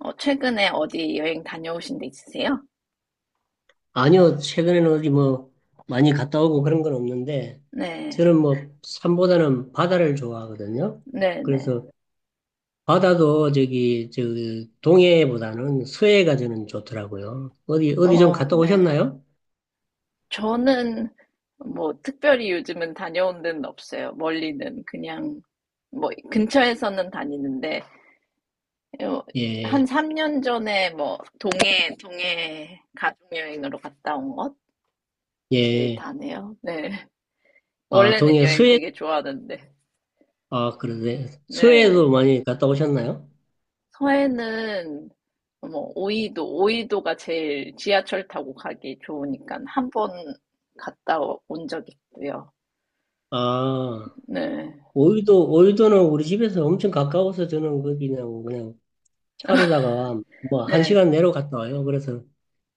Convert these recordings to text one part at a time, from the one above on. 최근에 어디 여행 다녀오신 데 있으세요? 아니요, 최근에는 어디 뭐 많이 갔다 오고 그런 건 없는데, 네, 저는 뭐 산보다는 바다를 좋아하거든요. 네네. 그래서 바다도 저기, 저 그 동해보다는 서해가 저는 좋더라고요. 어디, 어디 좀 갔다 네. 오셨나요? 저는 뭐 특별히 요즘은 다녀온 데는 없어요. 멀리는 그냥 뭐 근처에서는 다니는데 어, 한 예, 3년 전에 뭐 동해 가족 여행으로 갔다 온 것이 예. 다네요. 네. 아, 원래는 동해, 여행 서해, 되게 좋아하는데. 아, 그러네. 서해도 네. 많이 갔다 오셨나요? 서해는 뭐 오이도가 제일 지하철 타고 가기 좋으니까 한 번 갔다 온 적 있고요. 아, 네, 오이도, 오이도는 우리 집에서 엄청 가까워서 저는 거기 그냥 차로다가 뭐 한 네, 시간 내로 갔다 와요. 그래서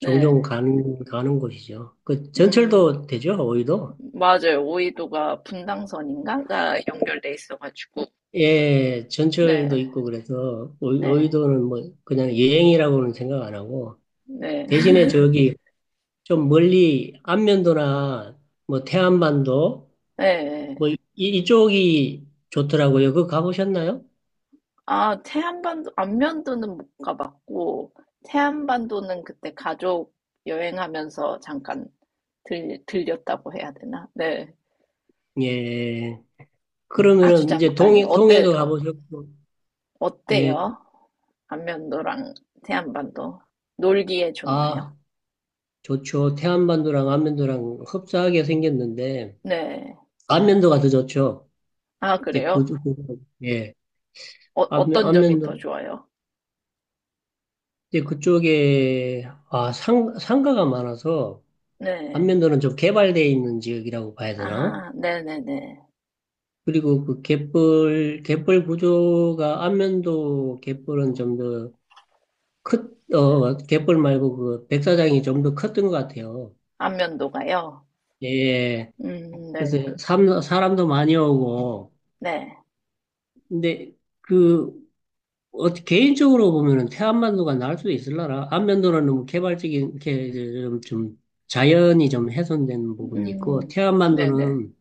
네. 가는 곳이죠. 그 음, 전철도 되죠, 오이도? 맞아요. 오이도가 분당선인가? 가 연결돼 있어가지고. 예, 전철도 네, 있고 그래서 네, 오이도는 뭐 그냥 여행이라고는 생각 안 하고 네, 대신에 저기 좀 멀리 안면도나 뭐 태안반도 뭐 네. 이, 이쪽이 좋더라고요. 그거 가보셨나요? 아, 태안반도, 안면도는 못 가봤고, 태안반도는 그때 가족 여행하면서 잠깐 들렸다고 해야 되나? 네, 예. 아주 그러면은 이제 잠깐이요. 동해 동해도 가보셨고 예. 어때요? 안면도랑 태안반도 놀기에 좋나요? 아. 좋죠. 태안반도랑 안면도랑 흡사하게 생겼는데, 네. 안면도가 더 좋죠. 아, 이제 그래요? 예. 안면, 어떤 점이 더 안면도, 좋아요? 이제 그쪽에, 아, 상가가 많아서, 네. 안면도는 좀 개발되어 있는 지역이라고 봐야 되나? 아, 네네네. 그리고 그 갯벌 구조가, 안면도 갯벌은 좀 더 갯벌 말고 그 백사장이 좀 더 컸던 것 같아요. 안면도가요? 예. 네. 그래서 사람도 많이 오고, 네. 근데, 그 어, 개인적으로 보면은 태안만도가 나을 수도 있을라나 안면도는 너무 개발적인 이렇게 좀 자연이 좀 훼손된 부분이 있고 음, 네네. 태안만도는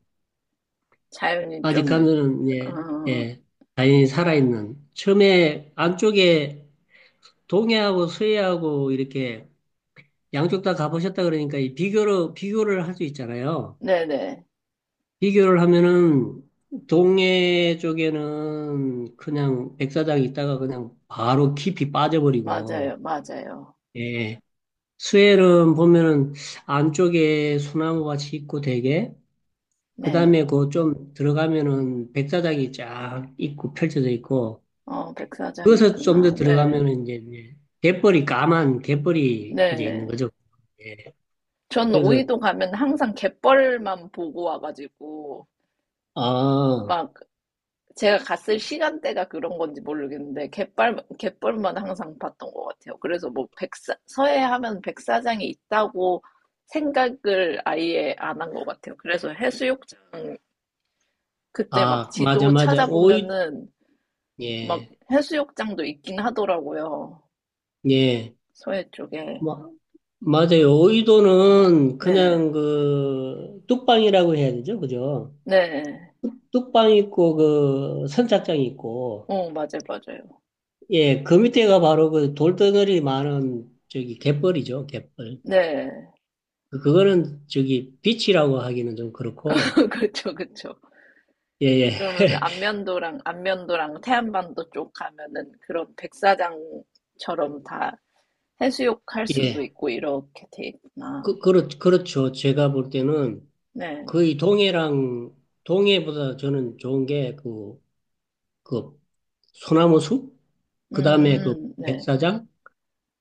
자연이 좀, 아직까지는 예, 어, 예, 자연이 살아있는 처음에 안쪽에 동해하고 서해하고 이렇게 양쪽 다 가보셨다 그러니까 이 비교를 할 수 있잖아요. 네네. 비교를 하면은 동해 쪽에는 그냥 백사장 있다가 그냥 바로 깊이 맞아요, 빠져버리고 맞아요. 예, 스웰은 보면은 안쪽에 소나무 같이 있고 되게 네. 그다음에 그 좀 들어가면은 백사장이 쫙 있고 펼쳐져 있고 백사장 그것을 좀 더 있구나. 네. 들어가면은 이제 갯벌이 까만 갯벌이 이제 있는 네. 거죠. 예. 전 그래서 오이도 가면 항상 갯벌만 보고 와가지고, 아, 막, 제가 갔을 시간대가 그런 건지 모르겠는데, 갯벌만 항상 봤던 것 같아요. 그래서 뭐, 서해 하면 백사장이 있다고 생각을 아예 안 한 것 같아요. 그래서 해수욕장, 그때 막 아 맞아 지도 맞아 오이 찾아보면은, 막 예. 해수욕장도 있긴 하더라고요. 예. 서해 쪽에. 뭐 맞아요. 오이도는 네. 그냥 그 뚝방이라고 해야 되죠. 그죠? 네. 뚝방 있고 그 선착장 있고 맞아요, 맞아요. 예, 그 밑에가 바로 그 돌덩어리 많은 저기 갯벌이죠, 갯벌. 네. 그- 그거는 저기 비치라고 하기는 좀 그렇고, 그쵸, 그쵸. 예, 예, 그러면 안면도랑 태안반도 쪽 가면은 그런 백사장처럼 다 해수욕 할 수도 예. 있고 이렇게 돼 있구나. 그렇죠. 제가 볼 때는 네. 거의 동해랑, 동해보다 저는 좋은 게 그, 그 소나무 숲, 그 다음에 그 네. 백사장,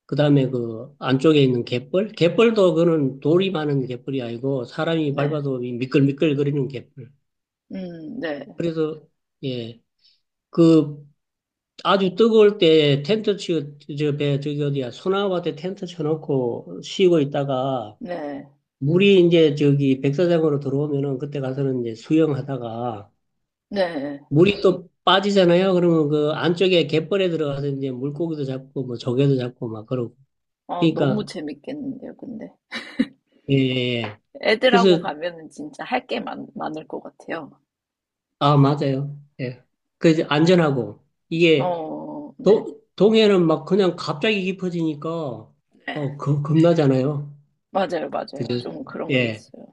그 다음에 그 안쪽에 있는 갯벌. 갯벌도 그거는 돌이 많은 갯벌이 아니고 사람이 네. 밟아도 미끌미끌거리는 갯벌. 네. 그래서, 예. 그 아주 뜨거울 때 텐트 치고, 저, 배, 저기 어디야, 소나무한테 텐트 쳐놓고 쉬고 있다가, 네. 물이 이제 저기 백사장으로 들어오면은 그때 가서는 이제 수영하다가, 네. 물이 네. 또 빠지잖아요. 그러면 그 안쪽에 갯벌에 들어가서 이제 물고기도 잡고, 뭐 조개도 잡고 막 그러고. 너무 그러니까, 재밌겠는데요, 근데. 예, 예. 예. 애들하고 그래서, 가면은 진짜 할 게 많을 것 같아요. 아, 맞아요. 예. 그 이제 안전하고, 이게, 네. 도, 동해는 막 그냥 갑자기 깊어지니까, 네. 어, 겁나잖아요. 맞아요, 맞아요. 좀 그런 게 예. 있어요.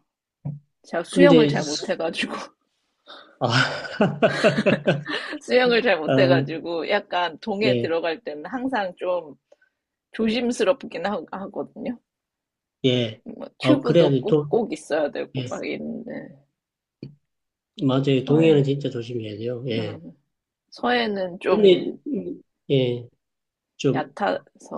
제가 수영을 근데 잘 수- 못해가지고. 아, 수영을 잘 아, 못해가지고 약간 동해 예, 들어갈 때는 항상 좀 조심스럽긴 하, 거든요뭐 예. 아, 그래야 튜브도 돼. 꼭, 도, 꼭 있어야 되고 예. 막 있는데 맞아요. 동해는 서해, 진짜 조심해야 돼요. 예. 음, 서해는 근데 좀 예, 좀 얕아서,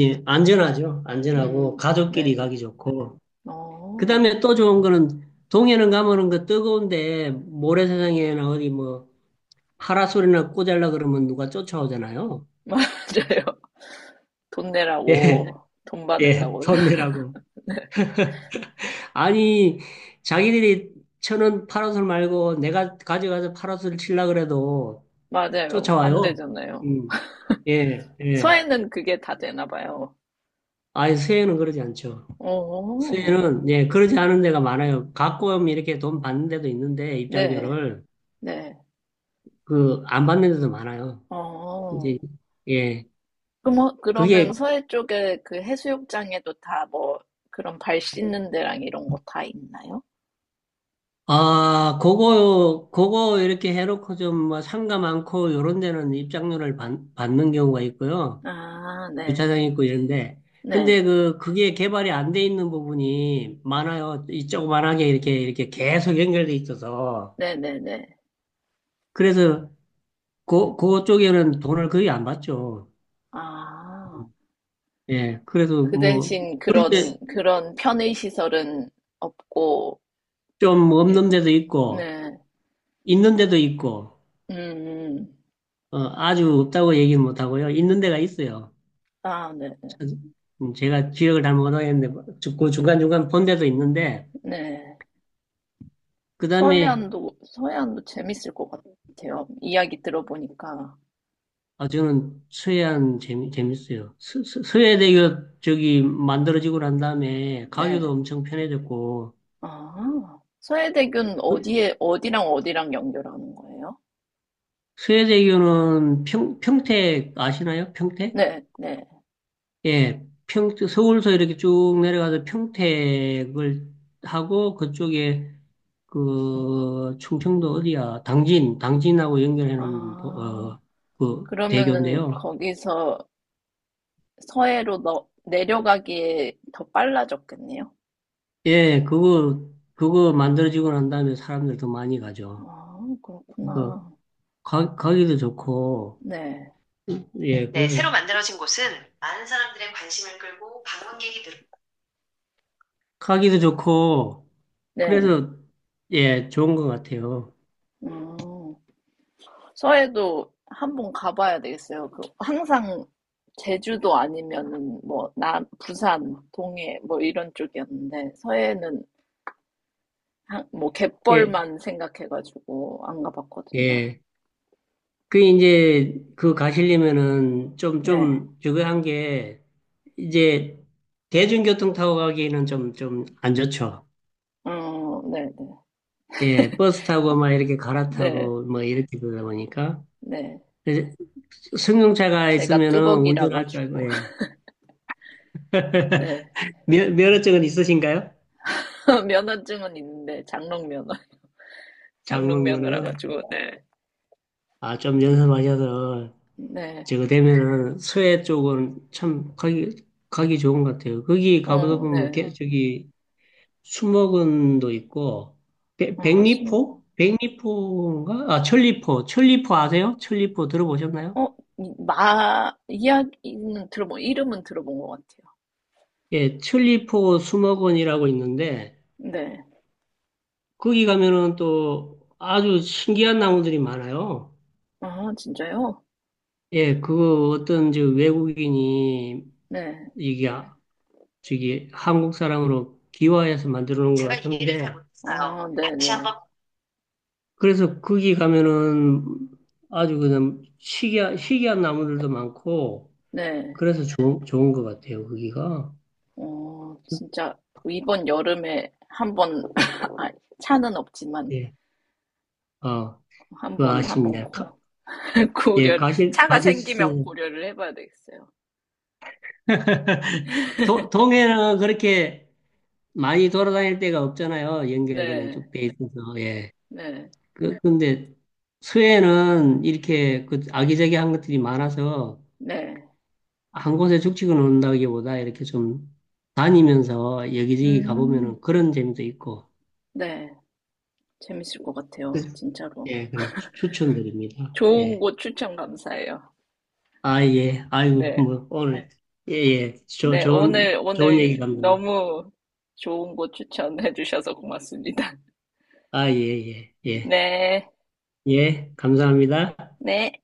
예, 안전하죠. 안전하고 음, 가족끼리 네, 가기 좋고. 어, 그다음에 또 좋은 거는 동해는 가면은 그 뜨거운데 모래사장이나 어디 뭐 파라솔이나 꽂으려 그러면 누가 쫓아오잖아요. 맞아요. 돈 내라고, 예. 돈 예. 받으려고. 손내라고. 아니, 자기들이 쳐는 파라솔 말고 내가 가져가서 파라솔 칠라 그래도 맞아요. 안 쫓아와요. 되잖아요. 음. 예, 예. 서해는 그게 다 되나 봐요. 아니, 수혜는 그러지 않죠. 어, 수혜는, 예, 그러지 않은 데가 많아요. 가끔 이렇게 돈 받는 데도 있는데, 네, 입장료를, 네, 그, 안 받는 데도 많아요. 이제, 어. 예. 그게, 그러면 서해 쪽에 그 해수욕장에도 다 뭐 그런 발 씻는 데랑 이런 거 다 있나요? 아, 그거 이렇게 해놓고 좀뭐 상가 많고, 요런 데는 입장료를 받는 경우가 있고요. 아, 네. 주차장 있고 이런데. 근데 네. 그, 그게 개발이 안 돼 있는 부분이 많아요. 이쪽그만하게 이렇게, 이렇게 계속 연결돼 있어서. 네네네. 그래서, 그, 그쪽에는 돈을 거의 안 받죠. 아, 예, 그래서 그 뭐, 대신 근데 그런 편의 시설은 없고, 좀 일- 없는 데도 있고, 네. 있는 데도 있고, 음, 음. 어, 아주 없다고 얘기는 못 하고요. 있는 데가 있어요. 아, 네. 참, 제가 기억을 잘못 하겠는데, 그 중간중간 본 데도 있는데, 네. 네. 그 다음에 서해안도 재밌을 것 같아요. 이야기 들어보니까. 아, 저는 서해안 재밌어요. 서해대교 저기 만들어지고 난 다음에 가기도 네. 엄청 편해졌고, 아, 서해대교는 어디랑 어디랑 연결하는 거예요? 서해대교는 평택 아시나요? 평택? 네, 네. 예, 평 서울서 이렇게 쭉 내려가서 평택을 하고, 그쪽에 그 충청도 어디야? 당진하고 연결해 놓은 아, 그 그러면은 대교인데요. 거기서 서해로 내려가기에 더 빨라졌겠네요. 예, 그거 만들어지고 난 다음에 사람들 더 많이 가죠. 아, 그러니까 그렇구나. 가기도 좋고, 네, 예, 네, 그래서 가기도 좋고, 네. 그래서 예, 좋은 것 같아요. 음, 서해도 한번 가봐야 되겠어요. 항상 제주도 아니면은 뭐, 부산, 동해 뭐 이런 쪽이었는데, 서해는 예, 갯벌만 생각해가지고 안 가봤거든요. 예. 그 이제 그 가시려면은 좀, 네, 좀 저거 한 게, 이제 대중교통 타고 가기에는 좀 안 좋죠. 네, 네, 예, 버스 타고 막 이렇게 네, 갈아타고 뭐 이렇게 그러다 보니까. 네. 그래서 승용차가 제가 있으면은 뚜벅이라 운전할 줄 알고, 가지고 예. 네 면허증은 있으신가요? 면허증은 있는데 장롱 면허 장롱 면허라 장롱면에요. 가지고 아, 좀 연습하셔서 저거 되면은 서해 쪽은 참 가기 좋은 것 같아요. 거기 가보다 보면 저기 수목원도 있고 네네어네아순어마 백리포? 백리포인가? 아, 천리포. 천리포 아세요? 천리포 들어보셨나요? 이야기는 들어본 이름은 들어본 것 같아요 예, 천리포 수목원이라고 있는데 거기 가면은 또 아주 신기한 나무들이 많아요. 네아 진짜요 예, 그 어떤 저 외국인이 네아 이게 저기 한국 사람으로 기와해서 만들어 놓은 것 같은데 네네 그래서 거기 가면은 아주 그냥 희귀한 나무들도 많고 네어 그래서 좋은, 좋은 것 같아요 거기가 진짜 이번 여름에 한번 아, 차는 없지만 예. 아, 그 한번 한번 아쉽네 가, 고 예, 고려를 가실 차가 생기면 가실수 고려를 해봐야 되겠어요 동해는 그렇게 많이 돌아다닐 데가 없잖아요. 연결 그냥 네 쭉 돼 있어서. 예. 네. 그, 근데 서해는 이렇게 그 아기자기한 것들이 많아서 네. 한 곳에 죽치고 논다기보다 이렇게 좀 다니면서 여기저기 음. 가보면은 그런 재미도 있고. 네. 재밌을 것 그, 같아요. 진짜로. 예, 그래서 추천드립니다. 좋은 예. 곳 추천 감사해요. 아, 예. 아이고, 네. 뭐, 오늘. 예, 예. 저, 네. 좋은, 좋은 얘기 오늘 감독님. 너무 좋은 곳 추천해 주셔서 고맙습니다. 아, 예, 예, 예. 네. 예, 감사합니다. 네.